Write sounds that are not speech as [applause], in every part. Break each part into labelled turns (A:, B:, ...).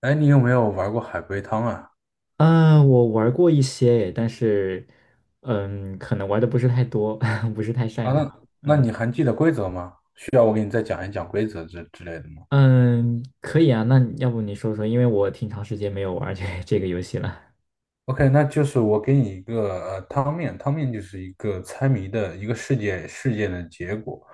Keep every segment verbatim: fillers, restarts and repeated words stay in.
A: 哎，你有没有玩过海龟汤啊？
B: 嗯，我玩过一些，但是，嗯，可能玩的不是太多，[laughs] 不是太
A: 啊，
B: 擅长。
A: 那那
B: 嗯
A: 你还记得规则吗？需要我给你再讲一讲规则之之类的吗
B: 嗯，可以啊，那你要不你说说，因为我挺长时间没有玩这 [laughs] 这个游戏了。
A: ？OK，那就是我给你一个呃汤面，汤面就是一个猜谜的一个事件事件的结果，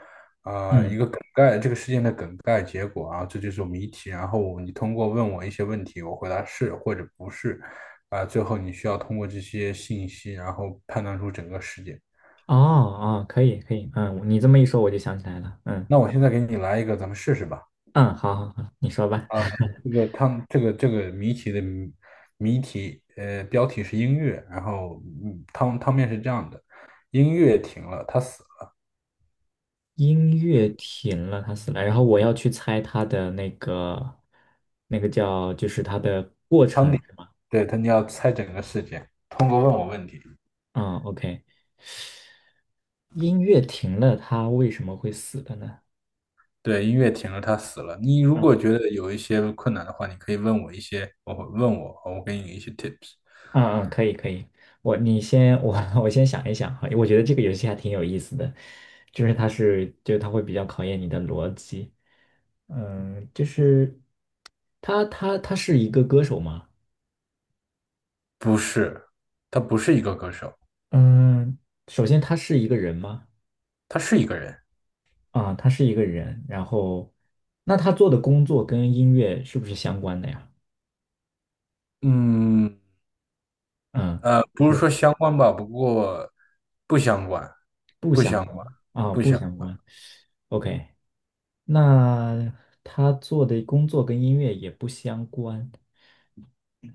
A: 啊、一
B: 嗯，
A: 个梗概，这个事件的梗概结果啊，这就是谜题。然后你通过问我一些问题，我回答是或者不是，啊、最后你需要通过这些信息，然后判断出整个事件。
B: 哦哦，可以可以，嗯，你这么一说，我就想起来了。嗯
A: 那我现在给你来一个，咱们试试吧。
B: 嗯，好好好，你说吧。
A: 啊，这
B: [laughs]
A: 个他们这个这个谜题的谜谜题，呃，标题是音乐，然后嗯，汤汤面是这样的，音乐停了，他死了。
B: 音乐停了，他死了，然后我要去猜他的那个那个叫就是他的过程是吗？
A: 对，他你要猜整个事件，通过问我问题。
B: 嗯，OK，音乐停了，他为什么会死的呢？
A: 对，音乐停了，他死了，你如
B: 嗯。
A: 果觉得有一些困难的话，你可以问我一些，我会问我，我给你一些 tips。
B: 嗯嗯，可以可以，我你先我 [laughs] 我先想一想哈。我觉得这个游戏还挺有意思的，就是它是就它会比较考验你的逻辑。嗯，就是他他他是一个歌手吗？
A: 不是，他不是一个歌手，
B: 嗯，首先他是一个人吗？
A: 他是一个人。
B: 啊、他是一个人，然后那他做的工作跟音乐是不是相关的呀？
A: 嗯，
B: 嗯，
A: 呃，不是
B: 是
A: 说相关吧，不过不相关，
B: 不
A: 不
B: 相
A: 相
B: 关
A: 关，
B: 啊、
A: 不
B: 不
A: 相
B: 相关。OK，那他做的工作跟音乐也不相关。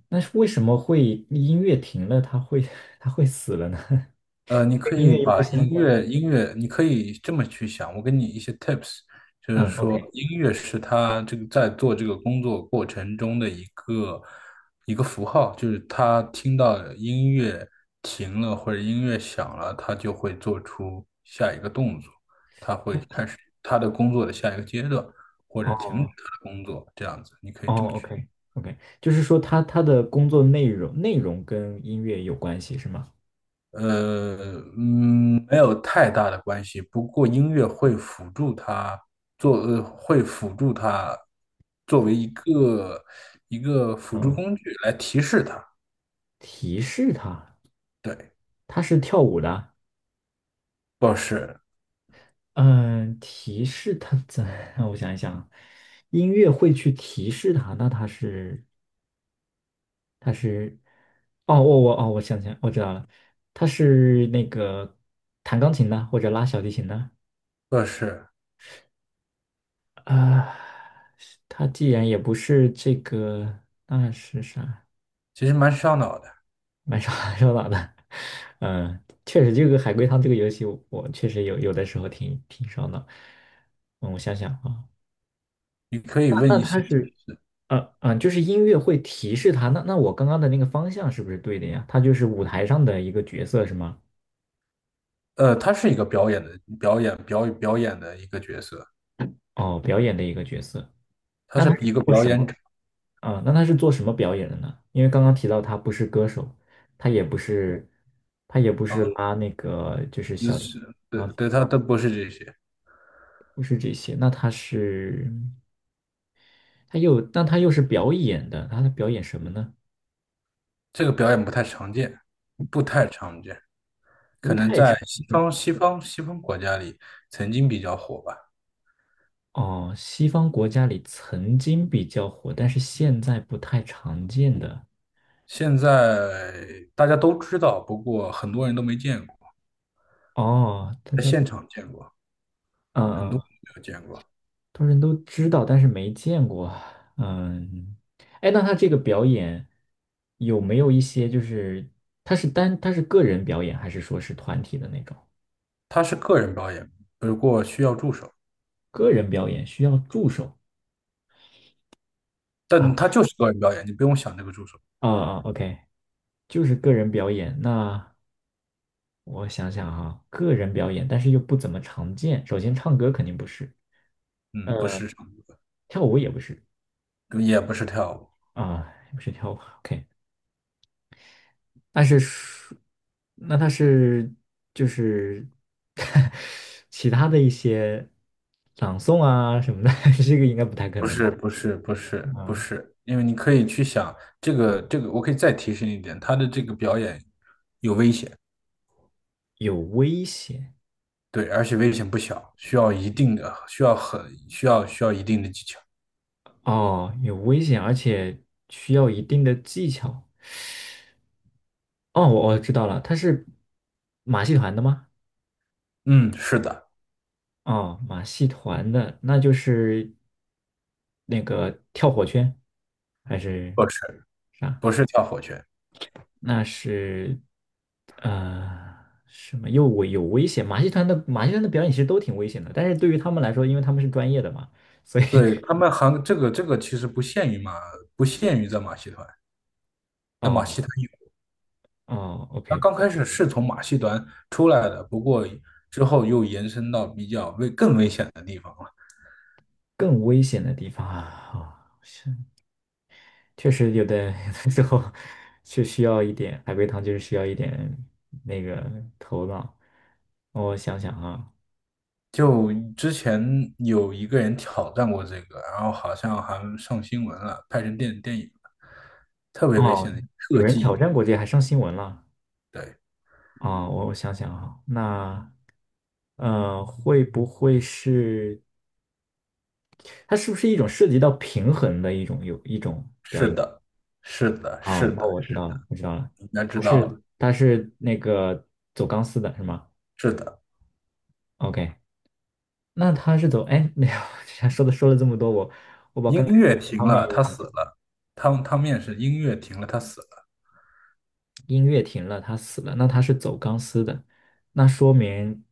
B: 那是为什么会音乐停了，它会 [laughs] 它会死了呢？
A: 呃，你
B: [laughs] 跟
A: 可
B: 音
A: 以
B: 乐又不
A: 把
B: 相
A: 音
B: 关。
A: 乐音乐，你可以这么去想。我给你一些 tips，就是
B: 嗯
A: 说
B: ，OK，
A: 音乐是他这个在做这个工作过程中的一个一个符号，就是他听到音乐停了或者音乐响了，他就会做出下一个动作，他会开始他的工作的下一个阶段，或者停止
B: 哦
A: 他的工作，这样子，你可
B: 哦
A: 以这么去。
B: ，OK OK，就是说他他的工作内容内容跟音乐有关系是吗？
A: 呃，嗯，没有太大的关系。不过音乐会辅助他做，呃，会辅助他作为一个一个辅助
B: 嗯，
A: 工具来提示他。
B: 提示他。
A: 对，
B: 他是跳舞的？
A: 不是，
B: 嗯，提示他怎？[laughs] 让我想一想。音乐会去提示他，那他是他是哦，我我哦我想起来我知道了，他是那个弹钢琴的或者拉小提琴的。
A: 不是。
B: 啊，他既然也不是这个，那是啥？
A: 其实蛮烧脑的。
B: 蛮 [laughs] 手蛮手脑的。嗯，确实，这个海龟汤这个游戏我，我确实有有的时候挺挺烧脑。嗯，我想想啊，
A: 你可以
B: 那
A: 问
B: 那
A: 一
B: 他
A: 些。
B: 是，呃嗯，就是音乐会提示他。那那我刚刚的那个方向是不是对的呀？他就是舞台上的一个角色是吗？
A: 呃，他是一个表演的，表演表表演的一个角色，
B: 哦，表演的一个角色。
A: 他
B: 那他
A: 是
B: 是
A: 一个
B: 做
A: 表
B: 什
A: 演
B: 么？
A: 者。
B: 啊，那他是做什么表演的呢？因为刚刚提到他不是歌手，他也不是，他也不是
A: 啊，
B: 拉那个就是
A: 就
B: 小提琴。
A: 是对
B: 然后
A: 对，他都不是这些。
B: 不是这些，那他是他又那他又是表演的，他在表演什么呢？
A: 这个表演不太常见，不太常见。
B: 不
A: 可能
B: 太
A: 在
B: 常
A: 西方、西方、西方国家里曾经比较火吧。
B: 哦，西方国家里曾经比较火，但是现在不太常见的。
A: 现在大家都知道，不过很多人都没见过，
B: 哦，大
A: 在
B: 家
A: 现
B: 都
A: 场见过，
B: 嗯
A: 很
B: 嗯
A: 多人
B: 嗯
A: 没有见过。
B: 多人都知道，但是没见过。嗯，哎，那他这个表演有没有一些就是他是单他是个人表演，还是说是团体的那种？
A: 他是个人表演，不过需要助手，
B: 个人表演需要助手。
A: 但他
B: 啊
A: 就是个人表演，你不用想这个助手。
B: 啊啊！OK，就是个人表演。那我想想哈，个人表演，但是又不怎么常见。首先，唱歌肯定不是，
A: 嗯，不
B: 呃，
A: 是唱
B: 跳舞也不是。
A: 歌，也不是跳舞。
B: 啊，也不是跳舞。OK，但是说那他是就是 [laughs] 其他的一些朗诵啊什么的，[laughs] 这个应该不太可
A: 不
B: 能吧？
A: 是，不是，不是，不
B: 啊，
A: 是，因为你可以去想这个，这个，我可以再提示你一点，他的这个表演有危险。
B: 有危险。
A: 对，而且危险不小，需要一定的，需要很需要需要一定的技巧。
B: 哦，有危险，而且需要一定的技巧。哦，我我知道了，他是马戏团的吗？
A: 嗯，是的。
B: 哦，马戏团的，那就是那个跳火圈还是
A: 不是
B: 啥？
A: 不是跳火圈，
B: 那是呃什么又危有危险？马戏团的马戏团的表演其实都挺危险的，但是对于他们来说，因为他们是专业的嘛，所以
A: 对他
B: [laughs]
A: 们韩这个这个其实不限于马，不限于在马戏团，在马
B: 哦
A: 戏团有。
B: 哦
A: 它
B: ，OK，
A: 刚开始是从马戏团出来的，不过之后又延伸到比较危更危险的地方了。
B: 更危险的地方啊，哦是确实有的 [laughs] 有的时候是需要一点海龟汤，就是需要一点那个头脑。哦，我想想啊。
A: 就之前有一个人挑战过这个，然后好像还上新闻了，拍成电电影了，特别危
B: 哦，
A: 险的
B: 有
A: 特
B: 人挑
A: 技。
B: 战过这个还上新闻了。
A: 对。
B: 啊、我我想想啊，那呃，会不会是？它是不是一种涉及到平衡的一种有一种表
A: 是
B: 演
A: 的，是的，
B: 啊？
A: 是
B: 那
A: 的。
B: 我知道了，我知道了，
A: 应该
B: 它
A: 知道
B: 是
A: 了。
B: 它是那个走钢丝的是吗
A: 是的。
B: ？OK，那他是走哎，没有。[laughs] 说的说了这么多，我我把
A: 音
B: 刚才
A: 乐停
B: 方面
A: 了，
B: 也
A: 他
B: 忘了。
A: 死了。汤汤面是音乐停了，他死了。
B: 音乐停了，他死了，那他是走钢丝的，那说明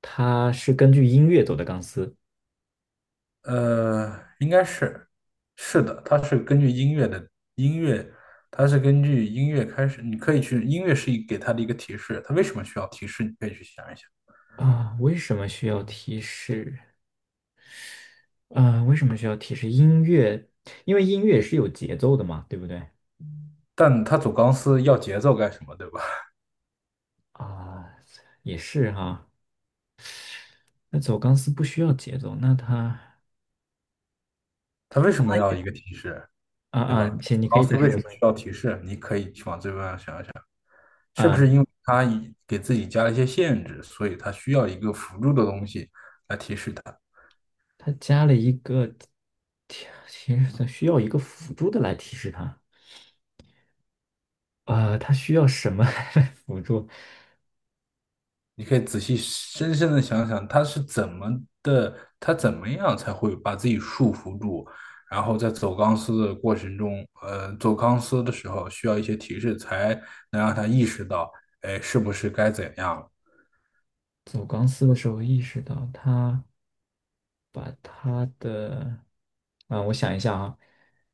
B: 他是根据音乐走的钢丝。
A: 呃，应该是，是的，它是根据音乐的音乐，它是根据音乐开始。你可以去，音乐是一给他的一个提示，他为什么需要提示？你可以去想一想。
B: 啊？为什么需要提示？啊？为什么需要提示音乐？因为音乐是有节奏的嘛，对不对？
A: 但他走钢丝要节奏干什么，对吧？
B: 啊，也是哈。那走钢丝不需要节奏，那它
A: 他为什么要一个提示，
B: 啊
A: 对
B: 啊，
A: 吧？
B: 行，
A: 走
B: 你可
A: 钢
B: 以
A: 丝
B: 再
A: 为什
B: 说
A: 么
B: 说
A: 需要提示？你可以去往这方面想一想。是不是
B: 啊。
A: 因为他已给自己加了一些限制，所以他需要一个辅助的东西来提示他？
B: 它加了一个提，其实它需要一个辅助的来提示它。啊，它需要什么 [laughs] 来辅助？
A: 你可以仔细深深的想想，他是怎么的，他怎么样才会把自己束缚住，然后在走钢丝的过程中，呃，走钢丝的时候需要一些提示，才能让他意识到，哎，是不是该怎样了？
B: 走钢丝的时候意识到它把它的啊，我想一下啊，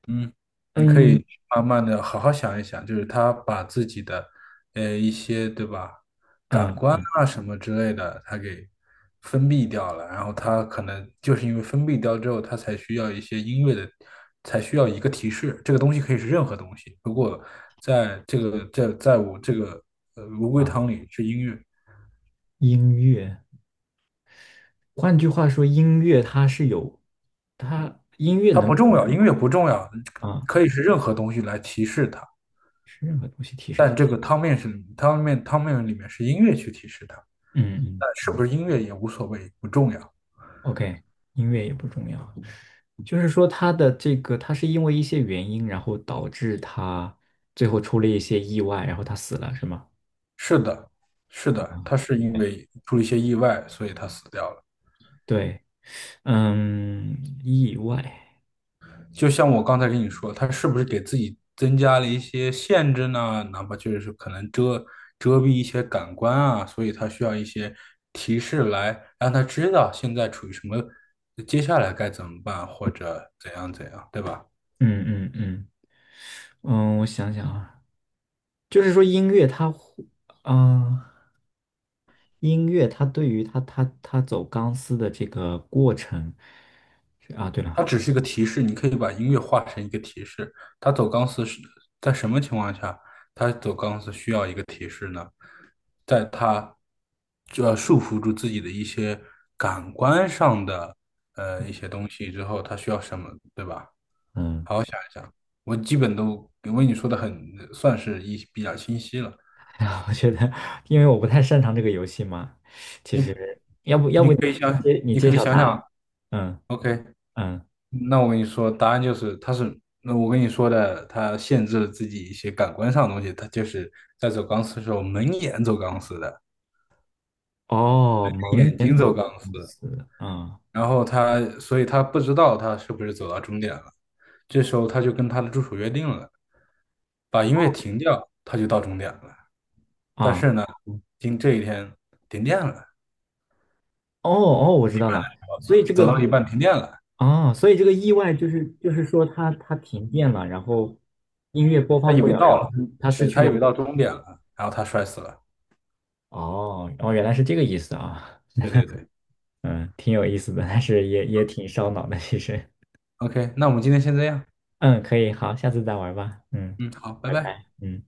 A: 嗯，你可
B: 嗯
A: 以慢慢的好好想一想，就是他把自己的呃一些对吧，感官
B: 嗯
A: 啊什么之类的，他给封闭掉了，然后他可能就是因为封闭掉之后，他才需要一些音乐的，才需要一个提示，这个东西可以是任何东西，如果在这个在在我这个呃乌龟
B: 啊，
A: 汤里是音乐，
B: 音乐。换句话说，音乐它是有它音乐
A: 它
B: 能
A: 不
B: 够
A: 重要，音乐不重要，
B: 啊，
A: 可以是任何东西来提示它，
B: 是任何东西提示
A: 但
B: 它。
A: 这个汤面是汤面汤面里面是音乐去提示它。
B: 嗯嗯
A: 但是不
B: 嗯
A: 是音乐也无所谓，不重要。
B: ，OK，音乐也不重要，就是说他的这个，他是因为一些原因，然后导致他最后出了一些意外，然后他死了，是吗？
A: 是的，是
B: 啊，
A: 的，他是因
B: 对，
A: 为出了一些意外，所以他死掉了。
B: 对，嗯，意外。
A: 就像我刚才跟你说，他是不是给自己增加了一些限制呢？哪怕就是可能遮遮蔽一些感官啊，所以他需要一些提示来让他知道现在处于什么，接下来该怎么办，或者怎样怎样，对吧？
B: 嗯嗯嗯嗯，我想想啊，就是说音乐它会，啊、音乐它对于他他他走钢丝的这个过程。啊，对了。
A: 它只是一个提示，你可以把音乐化成一个提示。它走钢丝是在什么情况下？它走钢丝需要一个提示呢？在它要束缚住自己的一些感官上的呃一些东西之后，它需要什么，对吧？
B: 嗯。
A: 我基本都因为你说的很算是一比较清晰了。
B: [laughs] 我觉得，因为我不太擅长这个游戏嘛，其
A: 你
B: 实要不要不
A: 你
B: 你
A: 可以想，
B: 揭你
A: 你
B: 揭
A: 可以
B: 晓
A: 想
B: 答
A: 想
B: 案？嗯
A: ，OK，
B: 嗯。
A: 那我跟你说，答案就是，他是，那我跟你说的，他限制了自己一些感官上的东西。他就是在走钢丝的时候，蒙眼走钢丝的，
B: 哦，蒙
A: 眼
B: 眼
A: 睛走
B: 走
A: 钢丝，
B: 钢丝，嗯
A: 然后他，所以他不知道他是不是走到终点了。这时候他就跟他的助手约定了，把音乐停掉，他就到终点了。但
B: 啊，
A: 是呢，
B: 嗯
A: 今这一天停电了，
B: 哦哦，我知道了。所以这
A: 走
B: 个
A: 到一半停电了，
B: 啊，所以这个意外就是就是说它它停电了，然后音乐播
A: 他
B: 放
A: 以
B: 不
A: 为
B: 了，然
A: 到
B: 后
A: 了，
B: 它失
A: 对，
B: 去
A: 他
B: 了
A: 以
B: 这
A: 为
B: 个。
A: 到终点了，然后他摔死了。
B: 哦哦，原来是这个意思啊。
A: 对对对
B: 嗯，挺有意思的，但是也也挺烧脑的，其实。
A: ，OK，那我们今天先这样，
B: 嗯，可以，好，下次再玩吧，嗯，
A: 嗯，好，拜
B: 拜
A: 拜。
B: 拜，嗯。